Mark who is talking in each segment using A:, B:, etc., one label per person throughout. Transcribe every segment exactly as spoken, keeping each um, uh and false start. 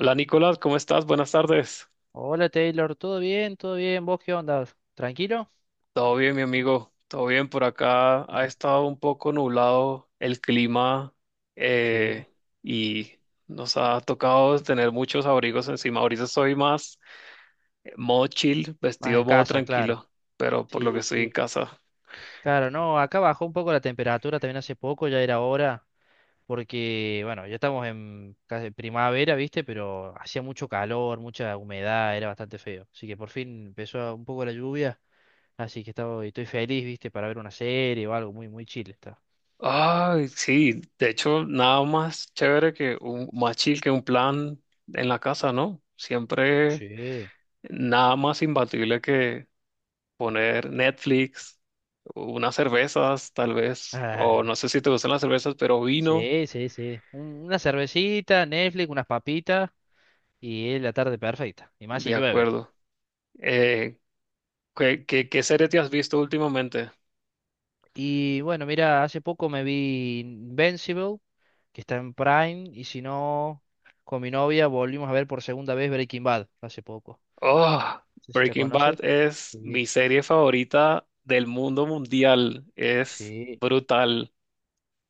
A: Hola Nicolás, ¿cómo estás? Buenas tardes.
B: Hola Taylor, ¿todo bien? ¿Todo bien? ¿Vos qué onda? ¿Tranquilo?
A: Todo bien, mi amigo. Todo bien por acá. Ha
B: Ah.
A: estado un poco nublado el clima
B: Sí,
A: eh, y nos ha tocado tener muchos abrigos encima. Ahorita estoy más eh, modo chill,
B: más
A: vestido
B: en
A: modo
B: casa, claro.
A: tranquilo, pero por lo que
B: Sí,
A: estoy en
B: sí.
A: casa.
B: Claro, no, acá bajó un poco la temperatura también hace poco, ya era hora, porque, bueno, ya estamos en casi primavera, ¿viste? Pero hacía mucho calor, mucha humedad, era bastante feo. Así que por fin empezó un poco la lluvia, así que estaba, estoy feliz, ¿viste? Para ver una serie o algo, muy, muy chill está.
A: Ay, sí. De hecho, nada más chévere que un más chill que un plan en la casa, ¿no? Siempre
B: Sí.
A: nada más imbatible que poner Netflix, unas cervezas tal vez, o no
B: Ah,
A: sé si te gustan las cervezas, pero vino,
B: sí, sí, sí. Un- una cervecita, Netflix, unas papitas. Y es la tarde perfecta. Y más si
A: de
B: llueve.
A: acuerdo. Eh, ¿qué, qué, qué serie te has visto últimamente?
B: Y bueno, mira, hace poco me vi Invincible, que está en Prime. Y si no, con mi novia volvimos a ver por segunda vez Breaking Bad hace poco.
A: Oh,
B: No sé si la
A: Breaking Bad
B: conoces.
A: es
B: Sí.
A: mi serie favorita del mundo mundial, es
B: Sí,
A: brutal.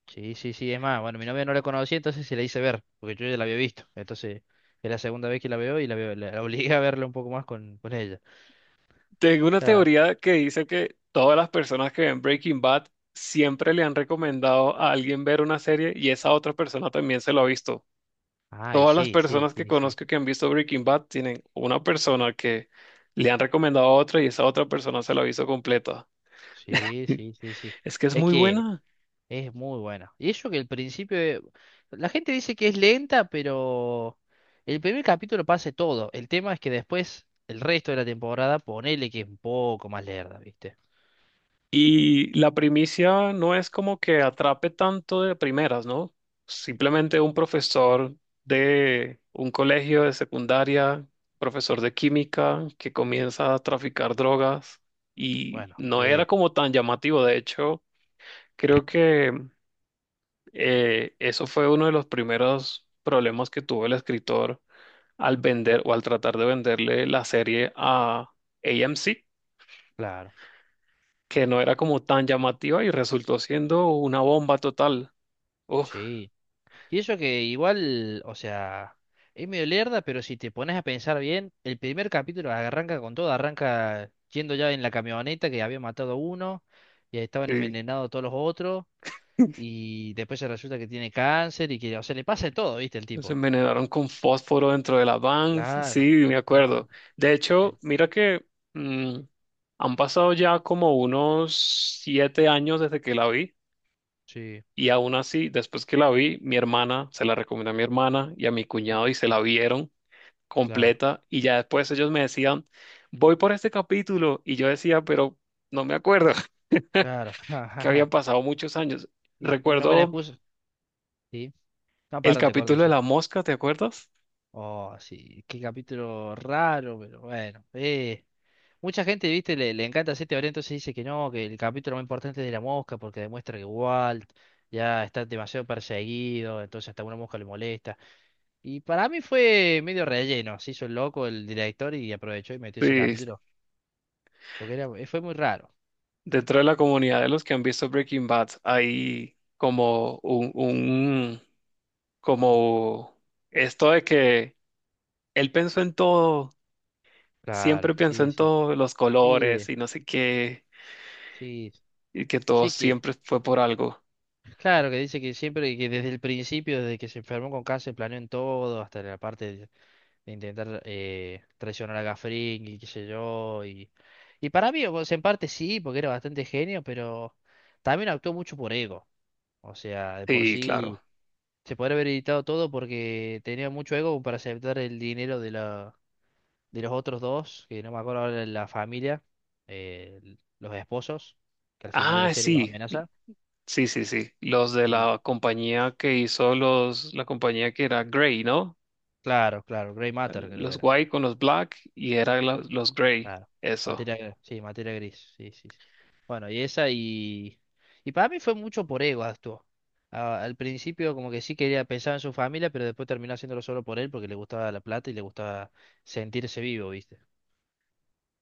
B: sí, sí, sí. Es más, bueno, mi novia no la conocía, entonces se la hice ver, porque yo ya la había visto. Entonces, es la segunda vez que la veo y la, veo- la obligué a verla un poco más con, con ella.
A: Tengo una
B: Está-
A: teoría que dice que todas las personas que ven Breaking Bad siempre le han recomendado a alguien ver una serie y esa otra persona también se lo ha visto.
B: Ay,
A: Todas las
B: sí, sí,
A: personas que
B: sí, sí.
A: conozco que han visto Breaking Bad tienen una persona que le han recomendado a otra y esa otra persona se la ha visto completa.
B: Sí, sí, sí, sí.
A: Es que es
B: Es
A: muy
B: que.
A: buena.
B: Es muy buena. Y eso que el principio, eh, la gente dice que es lenta, pero el primer capítulo pasa todo. El tema es que después, el resto de la temporada, ponele que es un poco más lerda, ¿viste?
A: Y la primicia no es como que atrape tanto de primeras, ¿no? Simplemente un profesor de un colegio de secundaria, profesor de química, que comienza a traficar drogas y
B: Bueno,
A: no era
B: eh,
A: como tan llamativo. De hecho, creo que Eh, eso fue uno de los primeros problemas que tuvo el escritor al vender o al tratar de venderle la serie a AMC,
B: claro,
A: que no era como tan llamativa y resultó siendo una bomba total. Uf,
B: sí. Y eso que igual, o sea, es medio lerda, pero si te pones a pensar bien, el primer capítulo arranca con todo, arranca yendo ya en la camioneta que había matado a uno y estaban
A: sí.
B: envenenados todos los otros. Y después se resulta que tiene cáncer y que, o sea, le pasa de todo, ¿viste? El
A: Se
B: tipo.
A: envenenaron con fósforo dentro de la van. Sí,
B: Claro.
A: me acuerdo.
B: No,
A: De
B: eh,
A: hecho, mira que mm, han pasado ya como unos siete años desde que la vi.
B: sí.
A: Y aún así, después que la vi, mi hermana, se la recomendé a mi hermana y a mi cuñado
B: mm,
A: y se la vieron
B: Claro,
A: completa y ya después ellos me decían, voy por este capítulo y yo decía, pero no me acuerdo,
B: claro. Ja, ja,
A: que
B: ja.
A: habían pasado muchos años.
B: Sí, una buena
A: Recuerdo
B: excusa. Sí. No,
A: el
B: perdón, te corto.
A: capítulo de
B: Sí.
A: la mosca, ¿te acuerdas?
B: Oh, sí. Qué capítulo raro, pero bueno. Eh. Mucha gente, ¿viste? Le, le encanta hacer teoría, entonces dice que no, que el capítulo más importante es de la mosca porque demuestra que Walt ya está demasiado perseguido, entonces hasta una mosca le molesta. Y para mí fue medio relleno, se hizo el loco el director y aprovechó y metió ese
A: Sí,
B: capítulo, porque era, eh, fue muy raro.
A: dentro de la comunidad de los que han visto Breaking Bad hay como un, un como esto de que él pensó en todo,
B: Claro,
A: siempre pensó
B: sí,
A: en
B: sí.
A: todos los
B: Sí,
A: colores
B: de-
A: y no sé qué,
B: sí.
A: y que todo
B: Sí que,
A: siempre fue por algo.
B: claro, que dice que siempre, que desde el principio, desde que se enfermó con cáncer, planeó en todo, hasta la parte de, de intentar eh, traicionar a Gafring y qué sé yo. Y, y para mí, o sea, en parte sí, porque era bastante genio, pero también actuó mucho por ego. O sea, de por
A: Sí, claro.
B: sí se podría haber editado todo porque tenía mucho ego para aceptar el dinero de la, de los otros dos, que no me acuerdo ahora la familia, eh, los esposos, que al final de la
A: Ah,
B: serie los
A: sí.
B: amenaza.
A: Sí, sí, sí. Los de
B: Sí,
A: la compañía que hizo los, la compañía que era Grey, ¿no?
B: claro, claro, Grey Matter creo que
A: Los
B: era.
A: White con los Black y era la- los Grey.
B: Claro.
A: Eso.
B: Materia, gr- sí, materia gris, sí, sí, sí. Bueno, y esa y... Y para mí fue mucho por ego actuó. A- al principio como que sí quería pensar en su familia, pero después terminó haciéndolo solo por él porque le gustaba la plata y le gustaba sentirse vivo, ¿viste?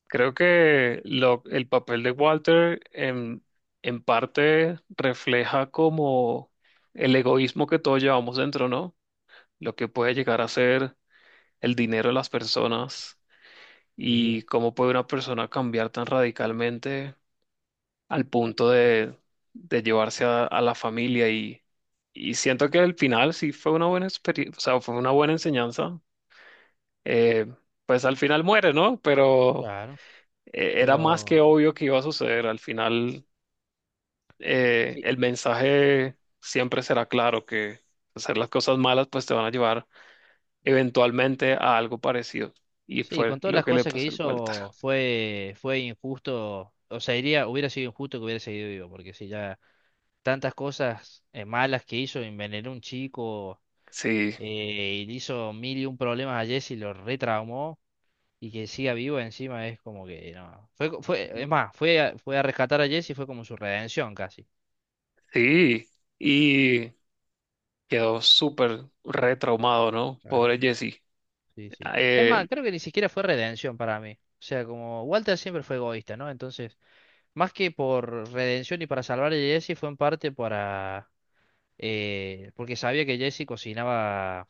A: Creo que lo, el papel de Walter en, en parte refleja como el egoísmo que todos llevamos dentro, ¿no? Lo que puede llegar a ser el dinero de las personas
B: Sí,
A: y cómo puede una persona cambiar tan radicalmente al punto de, de llevarse a, a la familia y, y siento que al final sí fue una buena experiencia, o sea, fue una buena enseñanza. Eh, pues al final muere, ¿no? Pero
B: claro.
A: eh, era más que
B: Pero
A: obvio que iba a suceder. Al final eh,
B: sí,
A: el mensaje siempre será claro que hacer las cosas malas pues te van a llevar eventualmente a algo parecido. Y
B: sí,
A: fue
B: con todas
A: lo
B: las
A: que le
B: cosas que
A: pasó al Walter.
B: hizo fue, fue injusto, o sea, iría, hubiera sido injusto que hubiera seguido vivo, porque si ya tantas cosas eh, malas que hizo, envenenó a un chico,
A: Sí,
B: eh, y le hizo mil y un problemas a Jesse, lo retraumó, y que siga vivo encima es como que no. Fue, co- fue, es más, fue a, fue a rescatar a Jesse, fue como su redención casi.
A: sí. Y quedó súper retraumado, ¿no?
B: Claro.
A: Pobre Jesse.
B: Sí,
A: Ah.
B: sí. Es más,
A: Eh,
B: creo que ni siquiera fue redención para mí. O sea, como Walter siempre fue egoísta, ¿no? Entonces... Más que por redención y para salvar a Jesse, fue en parte para... eh, porque sabía que Jesse cocinaba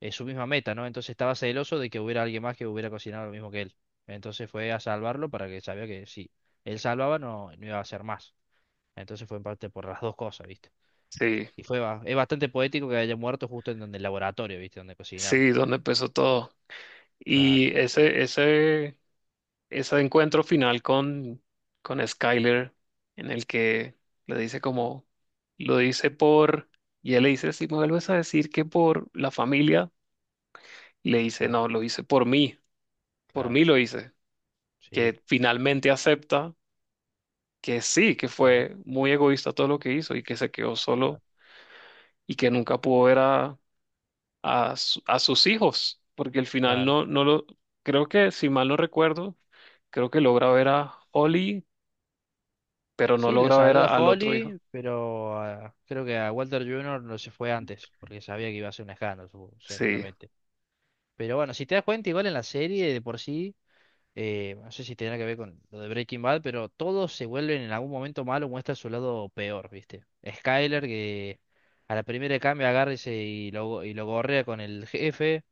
B: eh, su misma meta, ¿no? Entonces estaba celoso de que hubiera alguien más que hubiera cocinado lo mismo que él. Entonces fue a salvarlo para que sabía que si él salvaba no, no iba a hacer más. Entonces fue en parte por las dos cosas, ¿viste?
A: sí,
B: Y fue ba- es bastante poético que haya muerto justo en donde el laboratorio, ¿viste? Donde cocinaba.
A: sí, donde empezó todo.
B: Claro,
A: Y ese, ese, ese encuentro final con, con Skyler, en el que le dice como, lo dice por, y él le dice, si me vuelves a decir que por la familia, y le dice,
B: claro,
A: no, lo hice por mí, por
B: claro.
A: mí lo hice.
B: Sí,
A: Que finalmente acepta que sí, que
B: claro,
A: fue muy egoísta todo lo que hizo y que se quedó solo
B: claro,
A: y que nunca pudo ver a a, su- a sus hijos, porque al final
B: claro.
A: no, no lo, creo que si mal no recuerdo, creo que logra ver a Holly, pero no
B: Sí, la
A: logra ver a-
B: saluda
A: al otro hijo.
B: Holly, pero ah, creo que a Walter Junior no se fue antes, porque sabía que iba a ser un escándalo, supo-
A: Sí,
B: seguramente. Pero bueno, si te das cuenta, igual en la serie de por sí, eh, no sé si tendrá que ver con lo de Breaking Bad, pero todos se vuelven en algún momento malos, muestra su lado peor, ¿viste? Skyler, que a la primera de cambio agarra y se- y lo, y lo gorrea con el jefe.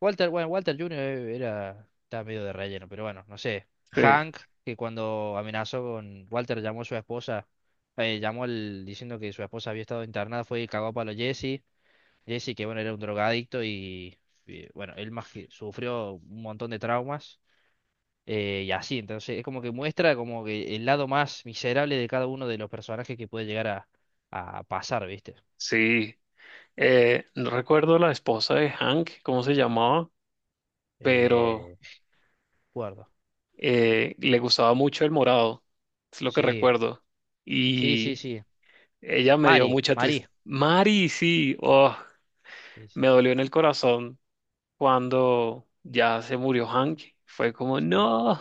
B: Walter, bueno, Walter junior era, estaba medio de relleno, pero bueno, no sé.
A: sí,
B: Hank, que cuando amenazó con Walter, llamó a su esposa, eh, llamó al, diciendo que su esposa había estado internada, fue y cagó a palo a Jesse. Jesse, que bueno, era un drogadicto y, y, bueno, él más que sufrió un montón de traumas. eh, y así, entonces es como que muestra como que el lado más miserable de cada uno de los personajes que puede llegar a, a pasar, ¿viste?
A: sí. Eh, no recuerdo la esposa de Hank, cómo se llamaba, pero
B: Eh, de acuerdo.
A: eh, le gustaba mucho el morado, es lo que
B: Sí,
A: recuerdo.
B: sí, sí,
A: Y
B: sí.
A: ella me dio
B: Mari,
A: mucha
B: Mari.
A: tristeza. Mari, sí, oh,
B: Sí, sí.
A: me dolió en el corazón cuando ya se murió Hank. Fue como,
B: Sí.
A: no.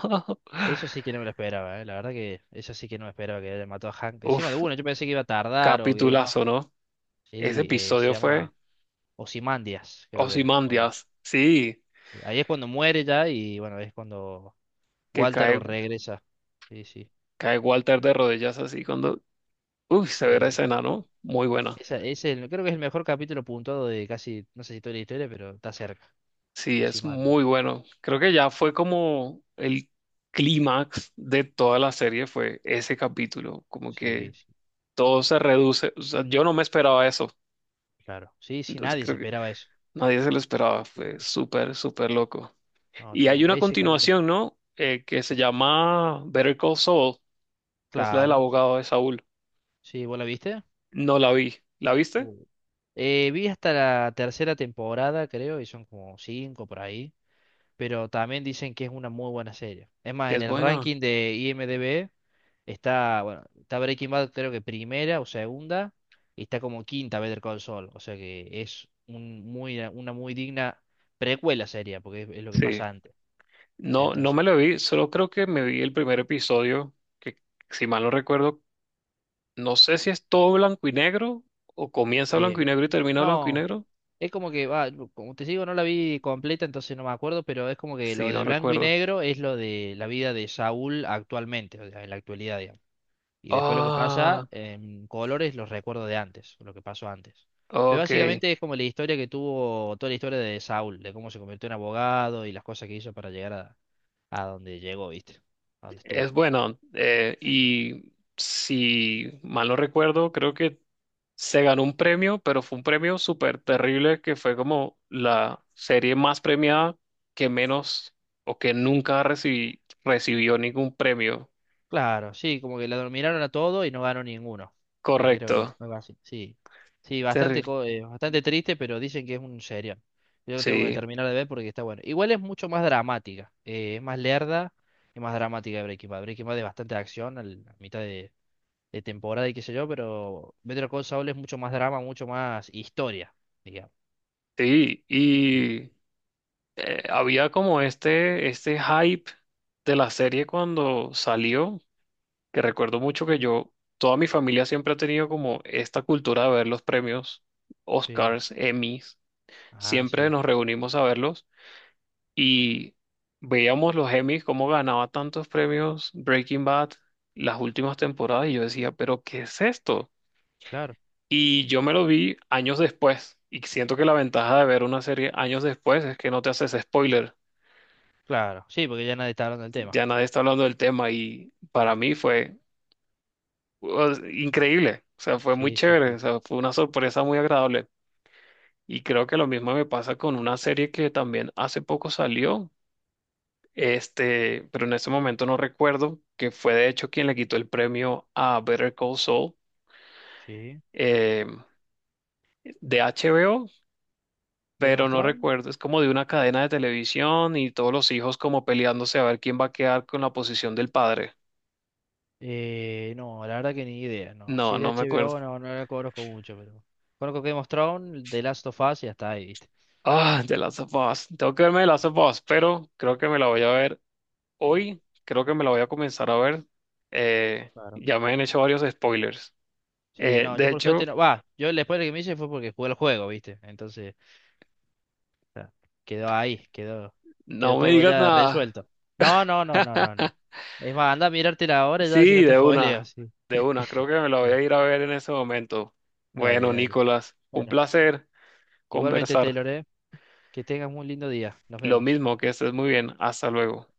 B: Eso sí que no me lo esperaba, ¿eh? La verdad que eso sí que no me esperaba que le mató a Hank. Encima de
A: Uf,
B: uno, yo pensé que iba a tardar o que iba, no.
A: capitulazo, ¿no? Ese
B: Sí, eh, se
A: episodio fue
B: llama Ozymandias, creo que era. Cuando...
A: Ozymandias, sí,
B: Ahí es cuando muere ya y bueno, es cuando
A: que
B: Walter
A: cae,
B: regresa. Sí, sí,
A: cae Walter de rodillas así cuando, uy, se ve la
B: sí, sí.
A: escena, ¿no? Muy buena.
B: Esa, es el, creo que es el mejor capítulo puntuado de casi, no sé si toda la historia, pero está cerca.
A: Sí, es
B: Ozymandias.
A: muy bueno. Creo que ya fue como el clímax de toda la serie fue ese capítulo, como
B: Sí,
A: que
B: sí,
A: todo se reduce, o sea, yo no me esperaba eso.
B: claro. Sí, sí,
A: Entonces
B: nadie se
A: creo que
B: esperaba eso.
A: nadie se lo esperaba,
B: Sí,
A: fue
B: sí, sí.
A: súper, súper loco.
B: No,
A: Y hay
B: tú,
A: una
B: ese capítulo.
A: continuación, ¿no? Eh, que se llama Better Call Saul, que es la del
B: Claro.
A: abogado de Saúl.
B: Sí, ¿vos la viste?
A: No la vi. ¿La viste?
B: Uh. Eh, vi hasta la tercera temporada, creo, y son como cinco por ahí, pero también dicen que es una muy buena serie. Es más,
A: Que
B: en
A: es
B: el
A: buena.
B: ranking de IMDb está, bueno, está Breaking Bad creo que primera o segunda, y está como quinta Better Call Saul, o sea que es un muy, una muy digna precuela seria, porque es, es lo que
A: Sí.
B: pasa antes.
A: No, no me
B: Entonces,
A: la vi, solo creo que me vi el primer episodio, que si mal no recuerdo, no sé si es todo blanco y negro, o comienza blanco
B: eh,
A: y negro y termina blanco y
B: no.
A: negro.
B: Es como que, va, como te digo, no la vi completa, entonces no me acuerdo, pero es como que lo
A: Sí,
B: de
A: no
B: blanco y
A: recuerdo.
B: negro es lo de la vida de Saúl actualmente, o sea, en la actualidad, digamos. Y después lo que pasa
A: Ah,
B: en colores, los recuerdos de antes, lo que pasó antes. Pero
A: ok.
B: básicamente es como la historia que tuvo, toda la historia de Saúl, de cómo se convirtió en abogado y las cosas que hizo para llegar a, a donde llegó, ¿viste? A donde
A: Es
B: estuvo.
A: bueno. eh, y si mal no recuerdo, creo que se ganó un premio, pero fue un premio súper terrible que fue como la serie más premiada que menos o que nunca recibí- recibió ningún premio.
B: Claro, sí, como que la dominaron a todo y no ganó ninguno. Sí, creo,
A: Correcto.
B: algo así. Sí, sí, bastante,
A: Terrible.
B: co- eh, bastante triste, pero dicen que es un serial. Yo lo tengo que
A: Sí,
B: terminar de ver porque está bueno. Igual es mucho más dramática, eh, es más lerda y más dramática de Breaking Bad. Breaking Bad es bastante acción al- a mitad de, de temporada y qué sé yo, pero Better Call Saul es mucho más drama, mucho más historia, digamos.
A: sí. Y eh, había como este, este hype de la serie cuando salió, que recuerdo mucho que yo, toda mi familia siempre ha tenido como esta cultura de ver los premios,
B: Sí,
A: Oscars, Emmys,
B: ah,
A: siempre
B: sí,
A: nos reunimos a verlos. Y veíamos los Emmys, cómo ganaba tantos premios Breaking Bad las últimas temporadas y yo decía, pero ¿qué es esto?
B: claro,
A: Y yo me lo vi años después y siento que la ventaja de ver una serie años después es que no te haces spoiler,
B: claro. Sí, porque ya nadie está hablando del tema.
A: ya nadie está hablando del tema y para
B: Claro.
A: mí fue pues, increíble, o sea, fue muy
B: Sí, sí,
A: chévere, o
B: sí.
A: sea, fue una sorpresa muy agradable. Y creo que lo mismo me pasa con una serie que también hace poco salió. Este, pero en este momento no recuerdo que fue de hecho quien le quitó el premio a Better Call Saul
B: Sí.
A: eh, de H B O,
B: Game
A: pero
B: of
A: no
B: Thrones.
A: recuerdo, es como de una cadena de televisión y todos los hijos como peleándose a ver quién va a quedar con la posición del padre.
B: Eh, no, la verdad que ni idea, no. Si
A: No,
B: es de
A: no me acuerdo.
B: H B O, no, no la conozco mucho, pero. Conozco Game of Thrones, The Last of Us y hasta ahí, ¿viste?
A: Ah, The Last of Us. Tengo que verme The Last of Us, pero creo que me la voy a ver
B: Claro,
A: hoy. Creo que me la voy a comenzar a ver. Eh,
B: claro.
A: ya me han hecho varios spoilers.
B: Sí,
A: Eh,
B: no, yo
A: de
B: por suerte
A: hecho,
B: no. Va, yo el spoiler que me hice fue porque jugué el juego, ¿viste? Entonces, ya, quedó ahí, quedó, quedó
A: no me
B: todo
A: digas
B: ya
A: nada.
B: resuelto. No, no, no, no, no, no. Es más, anda a mirártela ahora ya si
A: Sí,
B: no te
A: de
B: spoileo,
A: una,
B: sí.
A: de una. Creo que me la voy a ir a ver en ese momento.
B: Dale,
A: Bueno,
B: dale.
A: Nicolás, un
B: Bueno,
A: placer
B: igualmente,
A: conversar.
B: Taylor, ¿eh? Que tengas un lindo día. Nos
A: Lo
B: vemos.
A: mismo, que estés muy bien. Hasta luego.